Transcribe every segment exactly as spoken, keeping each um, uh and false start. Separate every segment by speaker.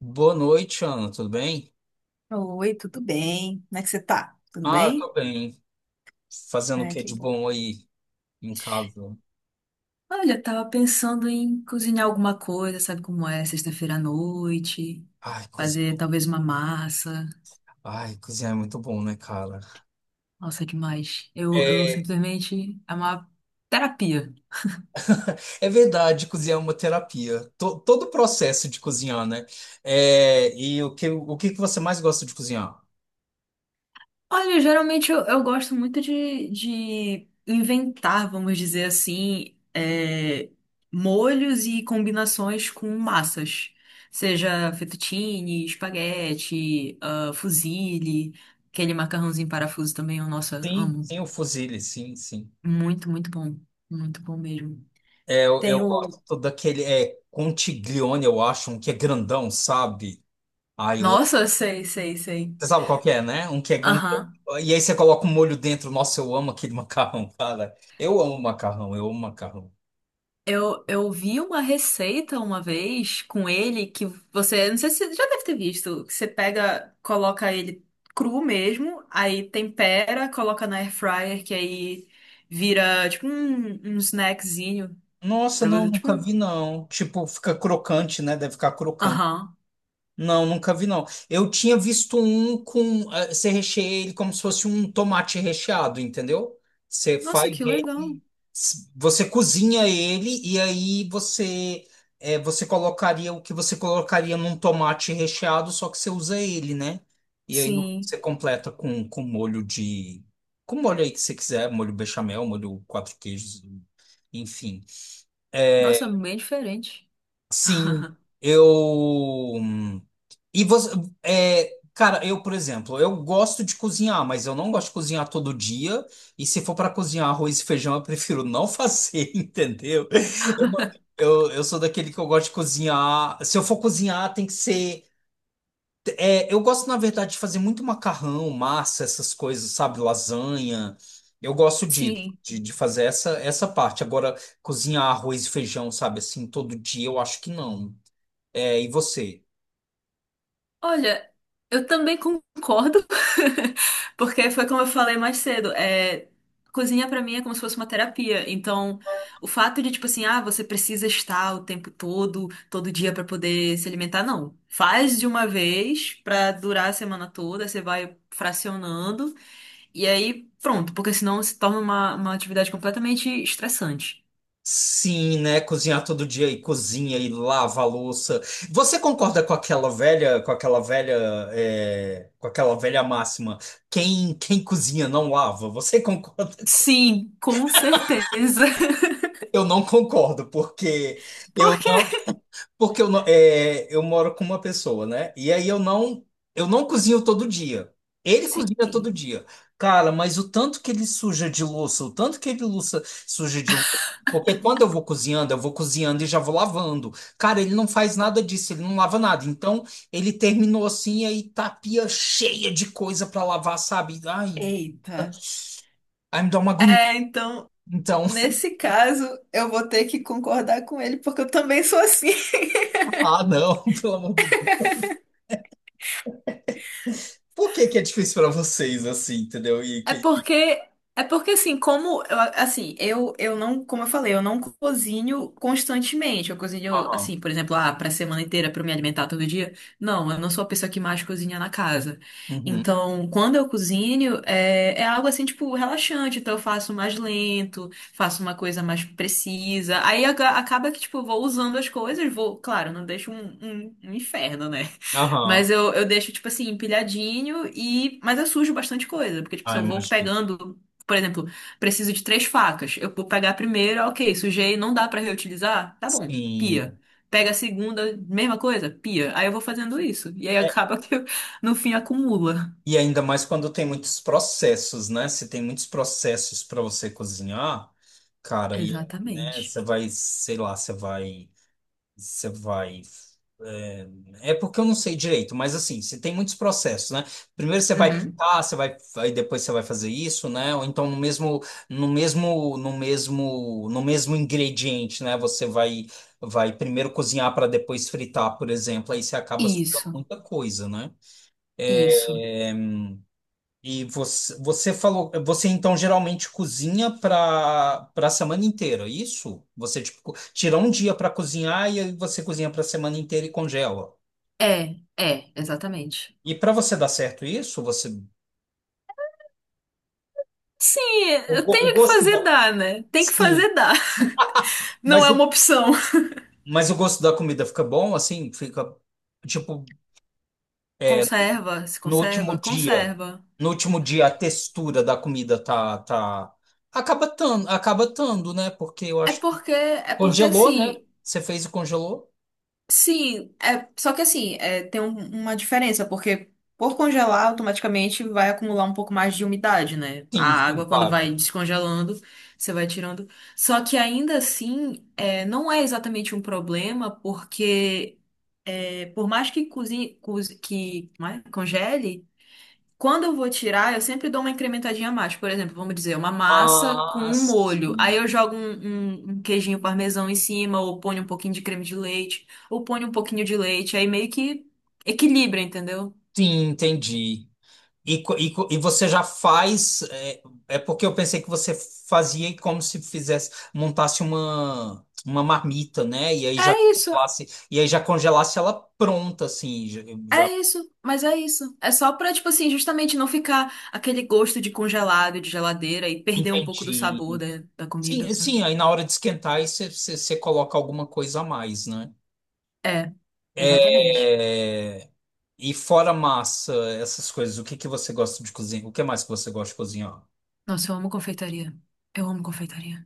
Speaker 1: Boa noite, Ana, tudo bem?
Speaker 2: Oi, tudo bem? Como é que você tá? Tudo
Speaker 1: Ah, eu
Speaker 2: bem?
Speaker 1: tô bem. Fazendo o
Speaker 2: Ai,
Speaker 1: que
Speaker 2: que
Speaker 1: de
Speaker 2: bom.
Speaker 1: bom aí em casa?
Speaker 2: Olha, eu tava pensando em cozinhar alguma coisa, sabe como é? Sexta-feira à noite,
Speaker 1: Ai,
Speaker 2: fazer
Speaker 1: cozinhar,
Speaker 2: talvez uma massa.
Speaker 1: ai, cozinhar é muito bom, né, cara?
Speaker 2: Nossa, que mais? Eu, eu
Speaker 1: É,
Speaker 2: simplesmente. É uma terapia.
Speaker 1: é verdade, cozinhar é uma terapia. To- todo o processo de cozinhar, né? É, e o que, o que que você mais gosta de cozinhar?
Speaker 2: Olha, geralmente eu, eu gosto muito de, de inventar, vamos dizer assim, é, molhos e combinações com massas. Seja fettuccine, espaguete, ah, fusilli, aquele macarrãozinho em parafuso também, eu, nossa,
Speaker 1: Sim,
Speaker 2: amo.
Speaker 1: sim, o fusilli, sim, sim.
Speaker 2: Muito, muito bom. Muito bom mesmo.
Speaker 1: É, eu,
Speaker 2: Tem
Speaker 1: eu
Speaker 2: o...
Speaker 1: gosto daquele, é, contiglione, eu acho, um que é grandão, sabe? Ai, eu
Speaker 2: Nossa, sei, sei, sei.
Speaker 1: Você sabe qual que é, né? Um que é um...
Speaker 2: Aham.
Speaker 1: E aí você coloca um molho dentro. Nossa, eu amo aquele macarrão, cara. Eu amo macarrão, eu amo macarrão.
Speaker 2: Eu, eu vi uma receita uma vez com ele que você, não sei se você já deve ter visto, que você pega, coloca ele cru mesmo, aí tempera, coloca na air fryer, que aí vira tipo um, um snackzinho
Speaker 1: Nossa,
Speaker 2: pra
Speaker 1: não,
Speaker 2: você, tipo
Speaker 1: nunca
Speaker 2: um...
Speaker 1: vi, não. Tipo, fica crocante, né? Deve ficar crocante.
Speaker 2: Aham.
Speaker 1: Não, nunca vi não. Eu tinha visto um com. eh, Você recheia ele como se fosse um tomate recheado, entendeu? Você faz
Speaker 2: Nossa, que legal.
Speaker 1: ele. s- Você cozinha ele e aí você. Eh, você colocaria o que você colocaria num tomate recheado, só que você usa ele, né? E aí no- você
Speaker 2: Sim.
Speaker 1: completa com, com molho de. Com molho aí que você quiser, molho bechamel, molho quatro queijos, enfim. Eh,
Speaker 2: Nossa, bem diferente.
Speaker 1: Sim, eu. hum, E você. É, cara, eu, por exemplo, eu gosto de cozinhar, mas eu não gosto de cozinhar todo dia. E se for para cozinhar arroz e feijão, eu prefiro não fazer, entendeu? Eu, não- eu, eu sou daquele que eu gosto de cozinhar. Se eu for cozinhar, tem que ser. É, eu gosto, na verdade, de fazer muito macarrão, massa, essas coisas, sabe? Lasanha. Eu gosto de,
Speaker 2: Sim.
Speaker 1: de, de fazer essa, essa parte. Agora, cozinhar arroz e feijão, sabe, assim, todo dia, eu acho que não. É, e você?
Speaker 2: Olha, eu também concordo, porque foi como eu falei mais cedo, é, cozinha pra mim é como se fosse uma terapia. Então, o fato de tipo assim, ah, você precisa estar o tempo todo, todo dia pra poder se alimentar, não. Faz de uma vez pra durar a semana toda, você vai fracionando e aí pronto, porque senão se torna uma, uma atividade completamente estressante.
Speaker 1: Sim, né? Cozinhar todo dia e cozinha e lava a louça. Você concorda com aquela velha, com aquela velha, é, com aquela velha máxima? Quem, quem cozinha não lava. Você concorda com...
Speaker 2: Sim, com certeza.
Speaker 1: Eu não concordo, porque eu
Speaker 2: Porque
Speaker 1: não. Porque eu, não- é, eu moro com uma pessoa, né? E aí eu não, eu não cozinho todo dia. Ele cozinha todo
Speaker 2: sim.
Speaker 1: dia. Cara, mas o tanto que ele suja de louça, o tanto que ele louça, suja de louça. Porque quando eu vou cozinhando, eu vou cozinhando e já vou lavando. Cara, ele não faz nada disso, ele não lava nada. Então, ele terminou assim, e aí tá a pia cheia de coisa pra lavar, sabe? Ai,
Speaker 2: Eita.
Speaker 1: ai, me dá uma agonia.
Speaker 2: É, então,
Speaker 1: Então,
Speaker 2: nesse caso, eu vou ter que concordar com ele, porque eu também sou assim.
Speaker 1: ah, não, pelo amor de Deus. Por que que é difícil pra vocês assim, entendeu? E,
Speaker 2: É
Speaker 1: que-
Speaker 2: porque, é porque assim, como eu, assim, eu, eu não, como eu falei, eu não cozinho constantemente. Eu cozinho,
Speaker 1: Aham.
Speaker 2: assim, por exemplo, ah, pra semana inteira pra eu me alimentar todo dia. Não, eu não sou a pessoa que mais cozinha na casa.
Speaker 1: Uhum.
Speaker 2: Então, quando eu cozinho, é, é algo assim, tipo, relaxante. Então, eu faço mais lento, faço uma coisa mais precisa. Aí aga- acaba que, tipo, eu vou usando as coisas, vou, claro, não deixo um, um um inferno, né? Mas
Speaker 1: Aham.
Speaker 2: eu, eu deixo, tipo assim, empilhadinho e. Mas eu sujo bastante coisa. Porque, tipo, se
Speaker 1: Ah,
Speaker 2: eu vou
Speaker 1: imagino.
Speaker 2: pegando, por exemplo, preciso de três facas. Eu vou pegar a primeira, ok, sujei, não dá pra reutilizar? Tá bom,
Speaker 1: Sim.
Speaker 2: pia. Pega a segunda, mesma coisa, pia. Aí eu vou fazendo isso. E aí
Speaker 1: É,
Speaker 2: acaba que eu, no fim acumula.
Speaker 1: e ainda mais quando tem muitos processos, né? Se tem muitos processos para você cozinhar, cara, e, né,
Speaker 2: Exatamente.
Speaker 1: você vai, sei lá, você vai. Você vai. É, é porque eu não sei direito, mas assim, você tem muitos processos, né? Primeiro você vai
Speaker 2: Uhum.
Speaker 1: pintar, você vai, aí depois você vai fazer isso, né? Ou então no mesmo, no mesmo, no mesmo, no mesmo ingrediente, né? Você vai, vai primeiro cozinhar para depois fritar, por exemplo. Aí você acaba sujando
Speaker 2: Isso,
Speaker 1: muita coisa, né?
Speaker 2: isso.
Speaker 1: Eh, E você, você falou, você então geralmente cozinha para para a semana inteira, é isso? Você tipo, tira um dia para cozinhar e aí você cozinha para a semana inteira e congela.
Speaker 2: É, é, exatamente.
Speaker 1: E para você dar certo isso, você
Speaker 2: Sim,
Speaker 1: O,
Speaker 2: eu
Speaker 1: go- o
Speaker 2: tenho que
Speaker 1: gosto
Speaker 2: fazer
Speaker 1: da.
Speaker 2: dar, né? Tem que
Speaker 1: Sim,
Speaker 2: fazer dar. Não
Speaker 1: mas
Speaker 2: é
Speaker 1: eu-
Speaker 2: uma opção.
Speaker 1: Mas o gosto da comida fica bom, assim, fica tipo é,
Speaker 2: Conserva, se
Speaker 1: no último
Speaker 2: conserva,
Speaker 1: dia,
Speaker 2: conserva.
Speaker 1: no último dia a textura da comida tá tá acaba tando, acaba tando, né? Porque eu
Speaker 2: É
Speaker 1: acho que
Speaker 2: porque, é porque
Speaker 1: congelou,
Speaker 2: assim,
Speaker 1: né? Você fez e congelou?
Speaker 2: sim, é, só que assim, é, tem um- uma diferença, porque por congelar, automaticamente vai acumular um pouco mais de umidade, né? A
Speaker 1: Sim, sim,
Speaker 2: água, quando
Speaker 1: claro.
Speaker 2: vai descongelando, você vai tirando. Só que ainda assim, é, não é exatamente um problema, porque é, por mais que cozinhe, cozi- que, como é? Congele, quando eu vou tirar, eu sempre dou uma incrementadinha a mais. Por exemplo, vamos dizer, uma massa com
Speaker 1: Ah,
Speaker 2: um molho.
Speaker 1: sim.
Speaker 2: Aí eu jogo um, um- um queijinho parmesão em cima, ou ponho um pouquinho de creme de leite, ou ponho um pouquinho de leite. Aí meio que equilibra, entendeu?
Speaker 1: Sim, entendi. E, co- e, co- e você já faz. É, é porque eu pensei que você fazia como se fizesse, montasse uma, uma marmita, né? E aí já
Speaker 2: É isso,
Speaker 1: congelasse, e aí já congelasse ela pronta, assim, já, eu já
Speaker 2: é isso, mas é isso. É só pra, tipo assim, justamente não ficar aquele gosto de congelado, de geladeira e perder um pouco do sabor
Speaker 1: entendi.
Speaker 2: da, da
Speaker 1: Sim,
Speaker 2: comida.
Speaker 1: sim, aí na hora de esquentar, aí você você- você coloca alguma coisa a mais, né?
Speaker 2: É, exatamente.
Speaker 1: É, e fora massa, essas coisas, o que que você gosta de cozinhar? O que mais que você gosta de cozinhar?
Speaker 2: Nossa, eu amo confeitaria. Eu amo confeitaria.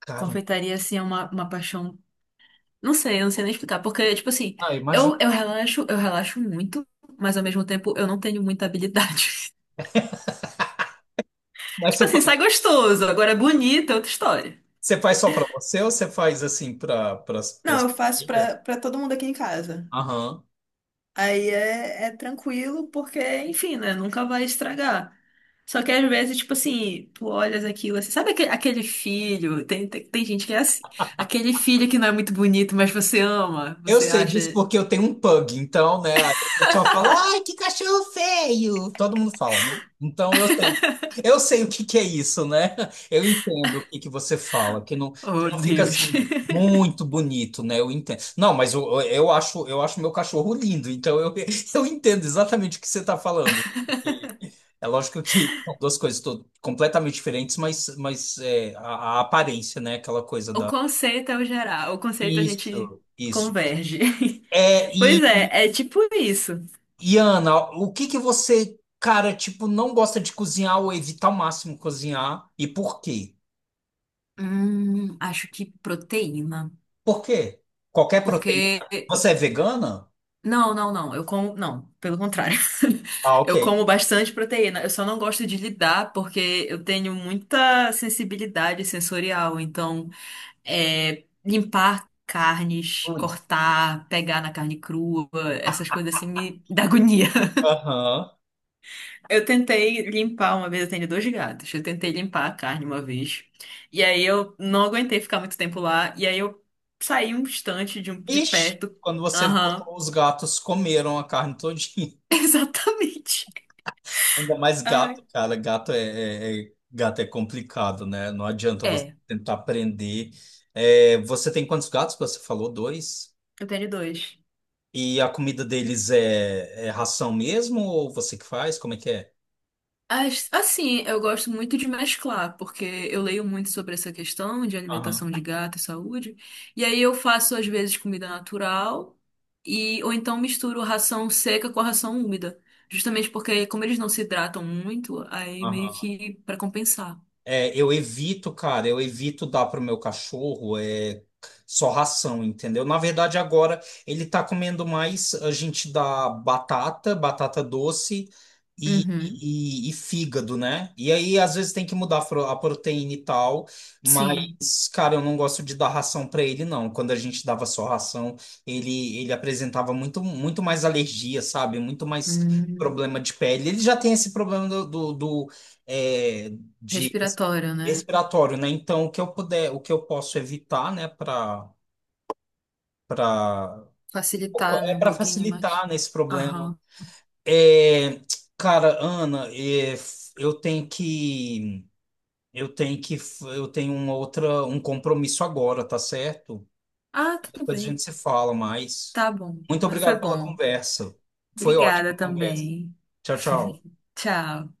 Speaker 1: Cara,
Speaker 2: Confeitaria, assim, é uma, uma paixão. Não sei, eu não sei nem explicar. Porque, tipo assim,
Speaker 1: ah, imagina.
Speaker 2: eu, eu relaxo, eu relaxo muito, mas ao mesmo tempo eu não tenho muita habilidade. Tipo assim, sai gostoso, agora é bonito, é outra história.
Speaker 1: Você faz só para você ou você faz assim para para para
Speaker 2: Não, eu
Speaker 1: sua
Speaker 2: faço
Speaker 1: família?
Speaker 2: pra, pra todo mundo aqui em casa.
Speaker 1: Aham.
Speaker 2: Aí é, é tranquilo, porque, enfim, né? Nunca vai estragar. Só que às vezes, tipo assim, tu olhas aquilo assim. Sabe aquele, aquele filho? Tem, tem, tem gente que é assim. Aquele filho que não é muito bonito, mas você ama.
Speaker 1: Eu
Speaker 2: Você
Speaker 1: sei
Speaker 2: acha,
Speaker 1: disso porque eu tenho um pug, então, né? aí O pessoal fala, ai, que cachorro feio! Todo mundo fala, né? Então eu sei. Eu sei o que que é isso, né? Eu entendo o que que você fala, que não, que
Speaker 2: oh
Speaker 1: não fica
Speaker 2: Deus.
Speaker 1: assim muito bonito, né? Eu entendo. Não, mas eu, eu acho eu acho meu cachorro lindo, então eu, eu entendo exatamente o que você está falando. É lógico que são duas coisas to- completamente diferentes, mas, mas é, a, a aparência, né? Aquela coisa
Speaker 2: O
Speaker 1: da.
Speaker 2: conceito é o geral, o conceito a gente
Speaker 1: Isso, isso.
Speaker 2: converge.
Speaker 1: É,
Speaker 2: Pois
Speaker 1: e,
Speaker 2: é, é tipo isso.
Speaker 1: e Ana, o que que você, cara, tipo, não gosta de cozinhar ou evitar ao máximo cozinhar? E por quê?
Speaker 2: Hum, acho que proteína,
Speaker 1: Por quê? Qualquer proteína?
Speaker 2: porque
Speaker 1: Você é vegana?
Speaker 2: não, não, não, eu como, não, pelo contrário.
Speaker 1: Ah, ok.
Speaker 2: Eu como bastante proteína, eu só não gosto de lidar porque eu tenho muita sensibilidade sensorial, então é, limpar carnes,
Speaker 1: Luiz.
Speaker 2: cortar, pegar na carne crua, essas coisas assim me dá agonia.
Speaker 1: Aham.
Speaker 2: Eu tentei limpar uma vez, eu tenho dois gatos. Eu tentei limpar a carne uma vez. E aí eu não aguentei ficar muito tempo lá. E aí eu saí um instante de, um- de
Speaker 1: Ixi,
Speaker 2: perto.
Speaker 1: quando você
Speaker 2: Aham,
Speaker 1: voltou, os gatos comeram a carne toda.
Speaker 2: exatamente.
Speaker 1: Ainda mais
Speaker 2: Ai.
Speaker 1: gato, cara. Gato é, é- é- gato é complicado, né? Não adianta você
Speaker 2: É,
Speaker 1: tentar aprender. É, você tem quantos gatos? Que Você falou dois.
Speaker 2: eu tenho dois.
Speaker 1: E a comida deles é, é ração mesmo ou você que faz? Como é que é?
Speaker 2: As- Assim, eu gosto muito de mesclar, porque eu leio muito sobre essa questão de
Speaker 1: Aham,
Speaker 2: alimentação de gato e saúde. E aí eu faço, às vezes, comida natural, e ou então misturo ração seca com a ração úmida. Justamente porque, como eles não se hidratam muito, aí meio
Speaker 1: aham.
Speaker 2: que para compensar.
Speaker 1: É, eu evito, cara, eu evito dar pro meu cachorro é, só ração, entendeu? Na verdade, agora ele tá comendo mais, a gente dá batata, batata doce e,
Speaker 2: Uhum,
Speaker 1: e, e fígado, né? E aí, às vezes, tem que mudar a fro- a proteína e tal,
Speaker 2: sim.
Speaker 1: mas, cara, eu não gosto de dar ração pra ele, não. Quando a gente dava só ração, ele, ele apresentava muito, muito mais alergia, sabe? Muito mais
Speaker 2: Hum,
Speaker 1: problema de pele. Ele já tem esse problema do, do do, é, de
Speaker 2: respiratório, né?
Speaker 1: respiratório, né? Então, o que eu puder, o que eu posso evitar, né, para para
Speaker 2: Facilitar, né,
Speaker 1: é
Speaker 2: um
Speaker 1: para
Speaker 2: pouquinho mais.
Speaker 1: facilitar nesse problema.
Speaker 2: Aham.
Speaker 1: É, cara, Ana, é, f- eu tenho que eu tenho que f- eu tenho uma outra um compromisso agora, tá certo?
Speaker 2: Ah, tudo
Speaker 1: Depois a
Speaker 2: bem.
Speaker 1: gente se fala mais.
Speaker 2: Tá bom,
Speaker 1: Muito
Speaker 2: mas foi
Speaker 1: obrigado pela
Speaker 2: bom.
Speaker 1: conversa. Foi ótima
Speaker 2: Obrigada
Speaker 1: a conversa.
Speaker 2: também.
Speaker 1: Tchau, tchau.
Speaker 2: Tchau.